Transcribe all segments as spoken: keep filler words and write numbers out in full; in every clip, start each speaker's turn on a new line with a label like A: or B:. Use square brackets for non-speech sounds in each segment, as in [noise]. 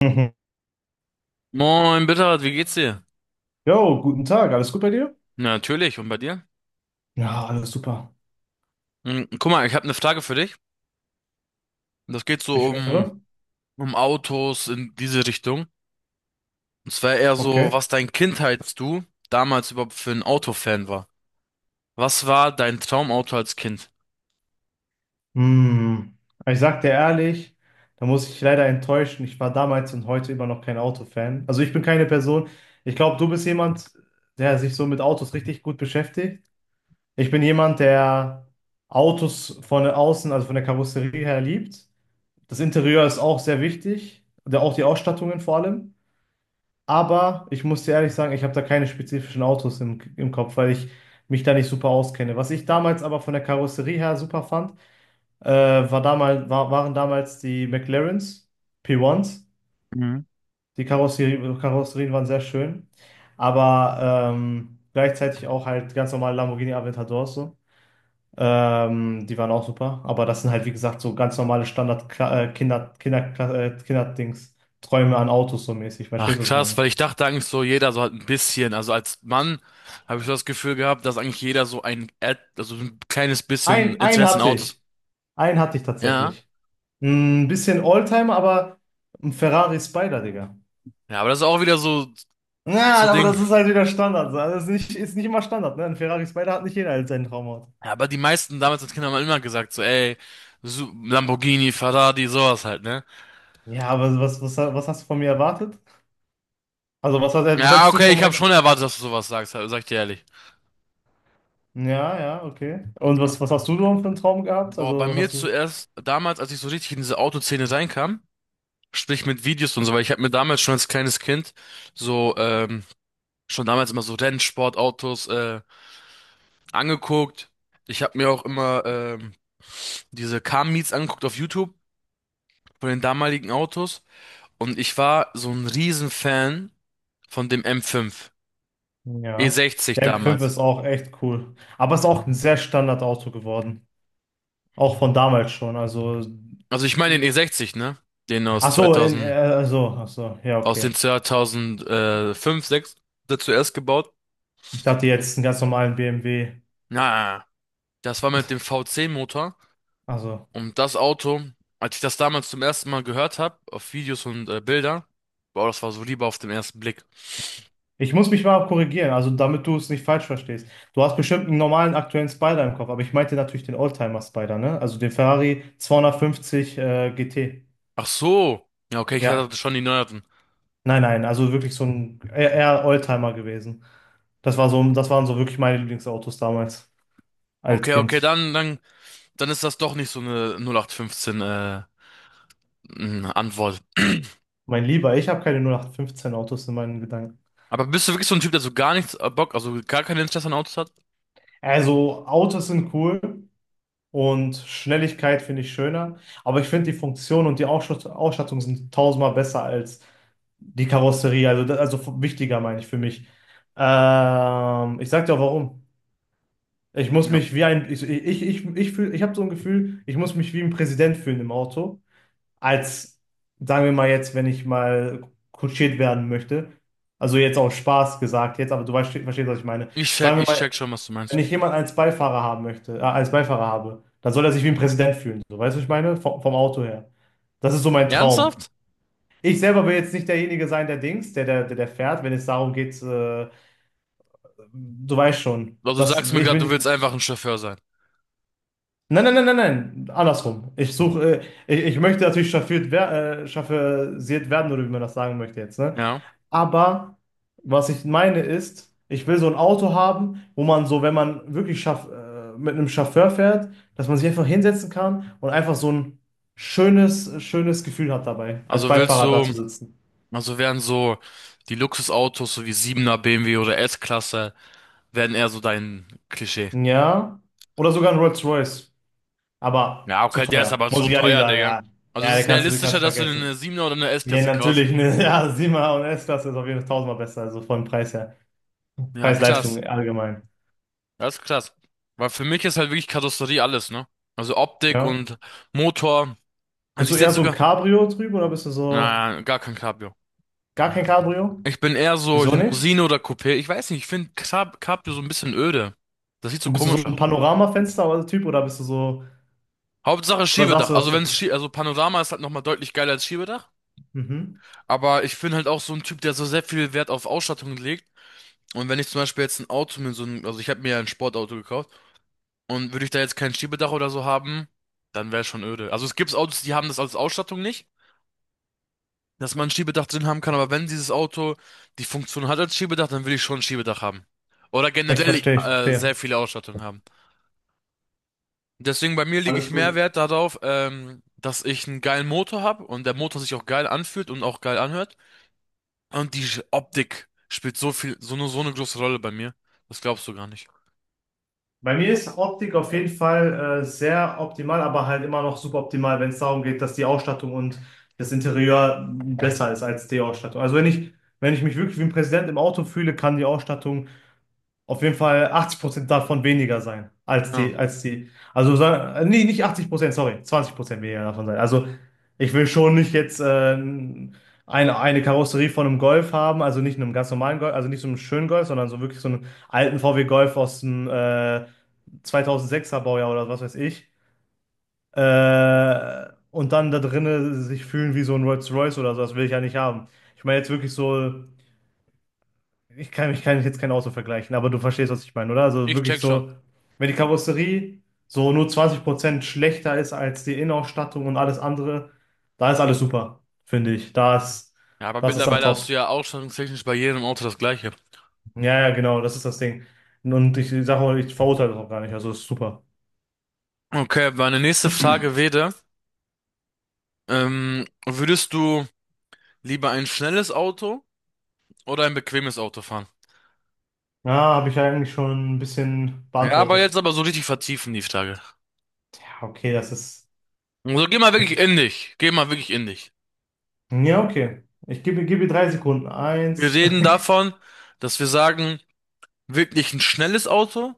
A: [laughs] Mhm.
B: Moin, Bittert, wie geht's dir?
A: Jo, guten Tag, alles gut bei dir?
B: Na, natürlich, und bei dir?
A: Ja, alles super.
B: Hm, Guck mal, ich habe eine Frage für dich. Das geht so
A: Ich
B: um,
A: höre.
B: um Autos in diese Richtung. Und zwar eher so,
A: Okay.
B: was dein Kindheits-Du damals überhaupt für ein Autofan war. Was war dein Traumauto als Kind?
A: Hm. Aber Ich sag dir ehrlich, da muss ich leider enttäuschen. Ich war damals und heute immer noch kein Autofan. Also ich bin keine Person. Ich glaube, du bist jemand, der sich so mit Autos richtig gut beschäftigt. Ich bin jemand, der Autos von außen, also von der Karosserie her liebt. Das Interieur ist auch sehr wichtig, der- auch die Ausstattungen vor allem. Aber ich muss dir ehrlich sagen, ich habe da keine spezifischen Autos im, im Kopf, weil ich mich da nicht super auskenne. Was ich damals aber von der Karosserie her super fand, äh, war damals, war, waren damals die McLarens P eins s.
B: Mhm.
A: Die Karosserie, Karosserien waren sehr schön, aber ähm, gleichzeitig auch halt ganz normale Lamborghini Aventadors so. Ähm, die waren auch super, aber das sind halt wie gesagt so ganz normale Standard Kla- äh, Kinder, Kinder, Kla- äh, Kinderdings, Träume an Autos so mäßig.
B: Ach
A: Verstehst du, was ich
B: krass,
A: meine?
B: weil ich dachte eigentlich so, jeder so halt ein bisschen. Also als Mann habe ich so das Gefühl gehabt, dass eigentlich jeder so ein, Ad- also so ein kleines bisschen
A: Ein, ein
B: Interesse in
A: hatte
B: Autos.
A: ich. Einen hatte ich
B: Ja.
A: tatsächlich. Ein bisschen Oldtimer, aber ein Ferrari Spider, Digga.
B: Ja, aber das ist auch wieder so, so
A: Ja, aber
B: Ding.
A: das ist halt wieder Standard. Also das ist nicht, ist nicht immer Standard, ne? Ein Ferrari Spider hat nicht jeder als seinen Traumauto.
B: Ja, aber die meisten damals als Kinder haben immer gesagt, so, ey, Su- Lamborghini, Ferrari, sowas halt, ne?
A: Ja, aber was, was, was hast du von mir erwartet? Also, was, hast- was
B: Ja,
A: hättest du
B: okay,
A: von
B: ich habe
A: meiner.
B: schon erwartet, dass du sowas sagst, halt, sag ich dir ehrlich.
A: Ja, ja, okay. Und was, was hast du denn für einen Traum gehabt?
B: Boah, bei
A: Also, was
B: mir
A: hast du.
B: zuerst, damals, als ich so richtig in diese Autoszene reinkam, sprich mit Videos und so, weil ich habe mir damals schon als kleines Kind so, ähm, schon damals immer so Rennsportautos, äh, angeguckt. Ich habe mir auch immer, ähm, diese Car-Meets angeguckt auf YouTube von den damaligen Autos und ich war so ein Riesenfan von dem M fünf. e
A: Ja.
B: sechzig
A: Der m fünf
B: damals.
A: ist auch echt cool. Aber ist auch ein sehr Standardauto geworden. Auch von damals schon. Also.
B: Also ich meine den e sechzig, ne? Den aus
A: Ach so, in,
B: zweitausend,
A: äh, so, ach so. Ja,
B: aus den
A: okay.
B: zweitausendfünf, sechs der zuerst gebaut.
A: Ich dachte jetzt einen ganz normalen B M W.
B: Na, das war mit dem v VC-Motor.
A: Also,
B: Und das Auto, als ich das damals zum ersten Mal gehört habe, auf Videos und äh, Bilder, boah, das war so lieber auf den ersten Blick.
A: ich muss mich mal korrigieren, also damit du es nicht falsch verstehst. Du hast bestimmt einen normalen aktuellen Spider im Kopf, aber ich meinte natürlich den Oldtimer Spider, ne? Also den Ferrari zweihundertfünfzig äh, G T.
B: Ach so. Ja, okay, ich
A: Ja,
B: hatte schon die neueren.
A: nein, nein, also wirklich so ein eher eher Oldtimer gewesen. Das war so, das waren so wirklich meine Lieblingsautos damals als
B: Okay, okay,
A: Kind.
B: dann, dann, dann ist das doch nicht so eine null acht fünfzehn äh, n- Antwort.
A: Mein Lieber, ich habe keine null acht fünfzehn Autos in meinen Gedanken.
B: Aber bist du wirklich so ein Typ, der so gar nichts äh, Bock, also gar kein Interesse an Autos hat?
A: Also, Autos sind cool. Und Schnelligkeit finde ich schöner. Aber ich finde die Funktion und die Ausschus- Ausstattung sind tausendmal besser als die Karosserie. Also, da- also f- wichtiger meine ich für mich. Ähm, ich sag dir auch warum. Ich muss mich wie ein, ich, ich, ich, ich fühl, ich habe so ein Gefühl, ich muss mich wie ein Präsident fühlen im Auto. Als, Sagen wir mal jetzt, wenn ich mal kutschiert werden möchte. Also jetzt auch Spaß gesagt, jetzt, aber du weißt, verstehst, was ich meine.
B: Ich check,
A: Sagen wir
B: ich
A: mal,
B: check schon, was du
A: wenn
B: meinst.
A: ich jemanden als Beifahrer haben möchte, äh, als Beifahrer habe, dann soll er sich wie ein Präsident fühlen. So, weißt du, was ich meine? Vom, vom Auto her. Das ist so mein Traum.
B: Ernsthaft?
A: Ich selber will jetzt nicht derjenige sein, der Dings, der, der, der, der fährt, wenn es darum geht, äh, du weißt schon,
B: Also du
A: dass
B: sagst mir
A: ich
B: gerade,
A: bin
B: du
A: nicht.
B: willst einfach ein Chauffeur sein.
A: Nein, nein, nein, nein, nein, andersrum. Ich suche, äh, ich, ich möchte natürlich chauffiert, wer, äh, chauffiert werden, oder wie man das sagen möchte jetzt, ne?
B: Ja.
A: Aber was ich meine ist, ich will so ein Auto haben, wo man so, wenn man wirklich schaff, äh, mit einem Chauffeur fährt, dass man sich einfach hinsetzen kann und einfach so ein schönes, schönes Gefühl hat dabei, als
B: Also willst
A: Beifahrer da zu
B: du,
A: sitzen.
B: also werden so die Luxusautos, so wie siebener B M W oder S-Klasse, werden eher so dein Klischee.
A: Ja. Oder sogar ein Rolls-Royce. Aber
B: Ja,
A: zu
B: okay, der ist
A: teuer.
B: aber
A: Muss
B: so
A: ich ehrlich
B: teuer,
A: sagen,
B: Digga.
A: ja.
B: Also
A: Ja,
B: es
A: den
B: ist
A: kannst du, den
B: realistischer,
A: kannst du
B: dass du dir eine
A: vergessen.
B: siebener oder eine
A: Nee,
B: S-Klasse kaufst.
A: natürlich, ne? [laughs] Ja, sieben und S-Klasse ist auf jeden Fall tausendmal besser, also vom Preis her.
B: Ja, krass.
A: Preis-Leistung allgemein.
B: Das ist krass. Weil für mich ist halt wirklich Karosserie alles, ne? Also Optik
A: Ja.
B: und Motor. Also
A: Bist du
B: ich
A: eher
B: setze
A: so ein
B: sogar,
A: Cabrio-Typ oder bist du so.
B: na, gar kein Cabrio.
A: Gar kein Cabrio?
B: Ich bin eher so
A: Wieso nicht?
B: Limousine oder Coupé. Ich weiß nicht, ich finde Cab Cabrio so ein bisschen öde. Das sieht so
A: Und bist du
B: komisch
A: so
B: aus.
A: ein Panoramafenster-Typ oder bist du so,
B: Hauptsache
A: oder
B: Schiebedach.
A: sagst du
B: Also
A: das?
B: wenn es Schie also Panorama ist halt nochmal deutlich geiler als Schiebedach.
A: Mhm.
B: Aber ich bin halt auch so ein Typ, der so sehr viel Wert auf Ausstattung legt. Und wenn ich zum Beispiel jetzt ein Auto mit so einem, also ich habe mir ja ein Sportauto gekauft, und würde ich da jetzt kein Schiebedach oder so haben, dann wäre schon öde. Also es gibt Autos, die haben das als Ausstattung nicht, dass man ein Schiebedach drin haben kann. Aber wenn dieses Auto die Funktion hat als Schiebedach, dann will ich schon ein Schiebedach haben. Oder
A: Ich
B: generell
A: verstehe, ich
B: äh, sehr
A: verstehe.
B: viele Ausstattung haben. Deswegen bei mir lege ich
A: Alles
B: mehr
A: gut.
B: Wert darauf, ähm, dass ich einen geilen Motor habe und der Motor sich auch geil anfühlt und auch geil anhört. Und die Sch- Optik spielt so viel, so eine, so eine große Rolle bei mir. Das glaubst du gar nicht.
A: Bei mir ist Optik auf jeden Fall äh, sehr optimal, aber halt immer noch suboptimal, wenn es darum geht, dass die Ausstattung und das Interieur besser ist als die Ausstattung. Also wenn ich, wenn ich mich wirklich wie ein Präsident im Auto fühle, kann die Ausstattung auf jeden Fall achtzig Prozent davon weniger sein als die,
B: Ja,
A: als die, also sa- äh, nee, nicht achtzig Prozent, sorry, zwanzig Prozent weniger davon sein. Also ich will schon nicht jetzt äh, eine, eine Karosserie von einem Golf haben, also nicht einem ganz normalen Golf, also nicht so einem schönen Golf, sondern so wirklich so einen alten V W Golf aus dem äh, zweitausendsechser Baujahr oder was weiß ich. Äh, und dann da drinnen sich fühlen wie so ein Rolls-Royce oder so, das will ich ja nicht haben. Ich meine jetzt wirklich so. Ich kann, ich kann jetzt kein Auto vergleichen, aber du verstehst, was ich meine, oder? Also
B: ich
A: wirklich
B: check schon.
A: so, wenn die Karosserie so nur zwanzig Prozent schlechter ist als die Innenausstattung und alles andere, da ist alles super, finde ich. Da ist,
B: Ja, aber
A: das ist dann
B: mittlerweile hast
A: top.
B: du ja ausstattungstechnisch bei jedem Auto das Gleiche.
A: Ja, ja, genau, das ist das Ding. Und ich sage auch, ich verurteile das auch gar nicht, also ist super.
B: Okay, meine nächste Frage wäre, ähm, würdest du lieber ein schnelles Auto oder ein bequemes Auto fahren?
A: Ja, habe ich ja eigentlich schon ein bisschen
B: Ja, aber
A: beantwortet.
B: jetzt aber so richtig vertiefen die Frage.
A: Ja, okay, das ist.
B: Also geh mal wirklich
A: Ich,
B: in dich. Geh mal wirklich in dich.
A: ja, okay. Ich gebe, gebe dir drei Sekunden.
B: Wir
A: Eins.
B: reden
A: [laughs]
B: davon, dass wir sagen, wirklich ein schnelles Auto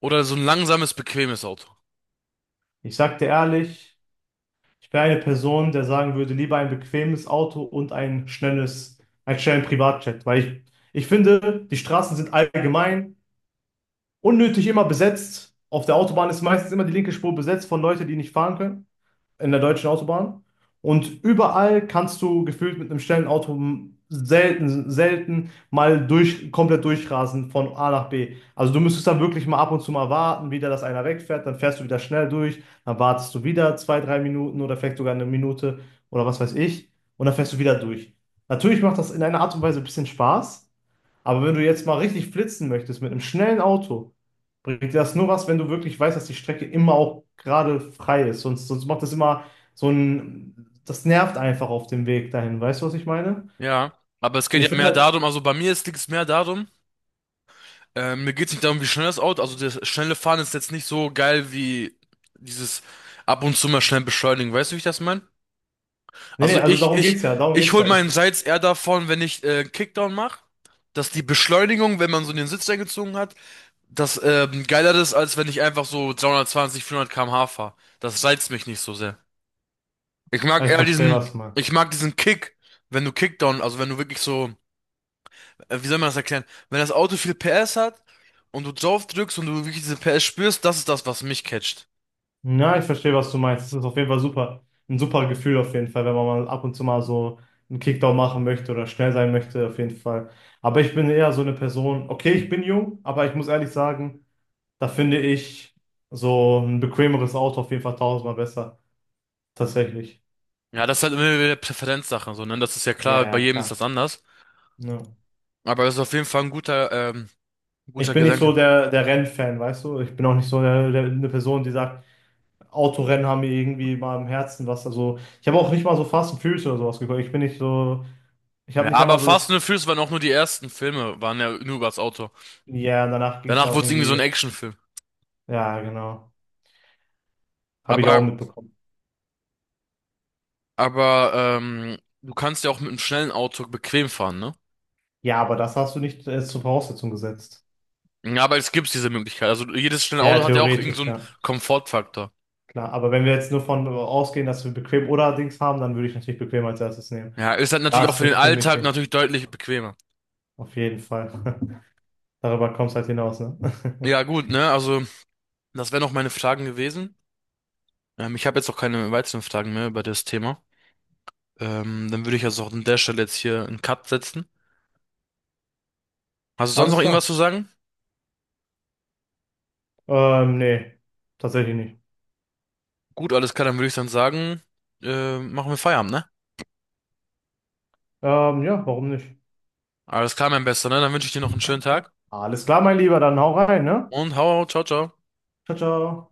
B: oder so ein langsames, bequemes Auto.
A: Ich sag dir ehrlich. Ich wäre eine Person, der sagen würde, lieber ein bequemes Auto und ein schnelles, einen schnellen Privatjet, weil ich, ich finde, die Straßen sind allgemein unnötig immer besetzt. Auf der Autobahn ist meistens immer die linke Spur besetzt von Leuten, die nicht fahren können, in der deutschen Autobahn. Und überall kannst du gefühlt mit einem schnellen Auto selten, selten mal durch, komplett durchrasen von A nach B. Also du müsstest dann wirklich mal ab und zu mal warten, wieder, dass einer wegfährt, dann fährst du wieder schnell durch, dann wartest du wieder zwei, drei Minuten oder vielleicht sogar eine Minute oder was weiß ich und dann fährst du wieder durch. Natürlich macht das in einer Art und Weise ein bisschen Spaß. Aber wenn du jetzt mal richtig flitzen möchtest mit einem schnellen Auto, bringt dir das nur was, wenn du wirklich weißt, dass die Strecke immer auch gerade frei ist. Sonst, sonst macht das immer so ein, das nervt einfach auf dem Weg dahin. Weißt du, was ich meine?
B: Ja, aber es
A: Und
B: geht ja
A: ich finde
B: mehr
A: halt,
B: darum, also bei mir ist- liegt es mehr darum, äh, mir geht es nicht darum, wie schnell das Auto, also das schnelle Fahren ist jetzt nicht so geil wie dieses ab und zu mal schnell beschleunigen, weißt du, wie ich das meine?
A: Nee, nee,
B: Also
A: also
B: ich,
A: darum
B: ich,
A: geht's ja, darum
B: ich
A: geht's
B: hol
A: ja.
B: meinen
A: Ich,
B: Reiz eher davon, wenn ich äh, Kickdown mache, dass die Beschleunigung, wenn man so den Sitz eingezogen hat, das ähm, geiler ist, als wenn ich einfach so dreihundertzwanzig, vierhundert Kilometer pro Stunde fahre. Das reizt mich nicht so sehr. Ich
A: ah,
B: mag
A: ich
B: eher
A: verstehe,
B: diesen,
A: was du
B: ich
A: meinst.
B: mag diesen Kick, wenn du Kickdown, also wenn du wirklich so, äh, wie soll man das erklären? Wenn das Auto viel P S hat und du drauf drückst und du wirklich diese P S spürst, das ist das, was mich catcht.
A: Ja, ich verstehe, was du meinst. Das ist auf jeden Fall super. Ein super Gefühl auf jeden Fall, wenn man mal ab und zu mal so einen Kickdown machen möchte oder schnell sein möchte, auf jeden Fall. Aber ich bin eher so eine Person, okay, ich bin jung, aber ich muss ehrlich sagen. Da finde ich so ein bequemeres Auto auf jeden Fall tausendmal besser. Tatsächlich.
B: Ja, das ist halt immer wieder Präferenzsache, so, ne? Das ist ja
A: Ja,
B: klar, bei
A: ja,
B: jedem ist das
A: klar.
B: anders.
A: Ja.
B: Aber das ist auf jeden Fall ein guter, ähm,
A: Ich
B: guter
A: bin nicht so
B: Gedanke.
A: der, der, Rennfan, weißt du? Ich bin auch nicht so der, der, eine Person, die sagt, Autorennen haben mir irgendwie mal im Herzen was. Also, ich habe auch nicht mal so Fast and Furious oder sowas geguckt. Ich bin nicht so, ich habe
B: Ja,
A: nicht
B: aber
A: einmal so
B: Fast
A: das,
B: and the Furious waren auch nur die ersten Filme, waren ja nur über das Auto.
A: ja, danach ging es ja
B: Danach
A: auch
B: wurde es irgendwie so ein
A: irgendwie,
B: Actionfilm.
A: ja, genau. Habe ich auch
B: Aber
A: mitbekommen.
B: Aber ähm, du kannst ja auch mit einem schnellen Auto bequem fahren, ne?
A: Ja, aber das hast du nicht als zur Voraussetzung gesetzt.
B: Ja, aber es gibt diese Möglichkeit. Also jedes schnelle
A: Ja,
B: Auto hat ja auch irgend so
A: theoretisch,
B: einen
A: ja.
B: Komfortfaktor.
A: Klar, aber wenn wir jetzt nur von äh, ausgehen, dass wir bequem oder Dings haben, dann würde ich natürlich bequem als erstes nehmen.
B: Ja, ist halt
A: Da
B: natürlich auch
A: ist
B: für den Alltag
A: Bequemity.
B: natürlich deutlich bequemer.
A: Auf jeden Fall. [laughs] Darüber kommt es halt hinaus, ne? [laughs]
B: Ja, gut, ne? Also, das wären auch meine Fragen gewesen. Ähm, ich habe jetzt auch keine weiteren Fragen mehr über das Thema. Ähm, dann würde ich also auch an der Stelle jetzt hier einen Cut setzen. Hast du sonst noch
A: Alles klar.
B: irgendwas zu sagen?
A: Ähm, nee, tatsächlich nicht.
B: Gut, alles klar, dann würde ich dann sagen, äh, machen wir Feierabend, ne?
A: Ähm, ja, warum nicht?
B: Alles klar, mein Bester, ne? Dann wünsche ich dir noch einen schönen Tag
A: Alles klar, mein Lieber, dann hau rein, ne?
B: und hau, hau, ciao, ciao.
A: Ciao, ciao.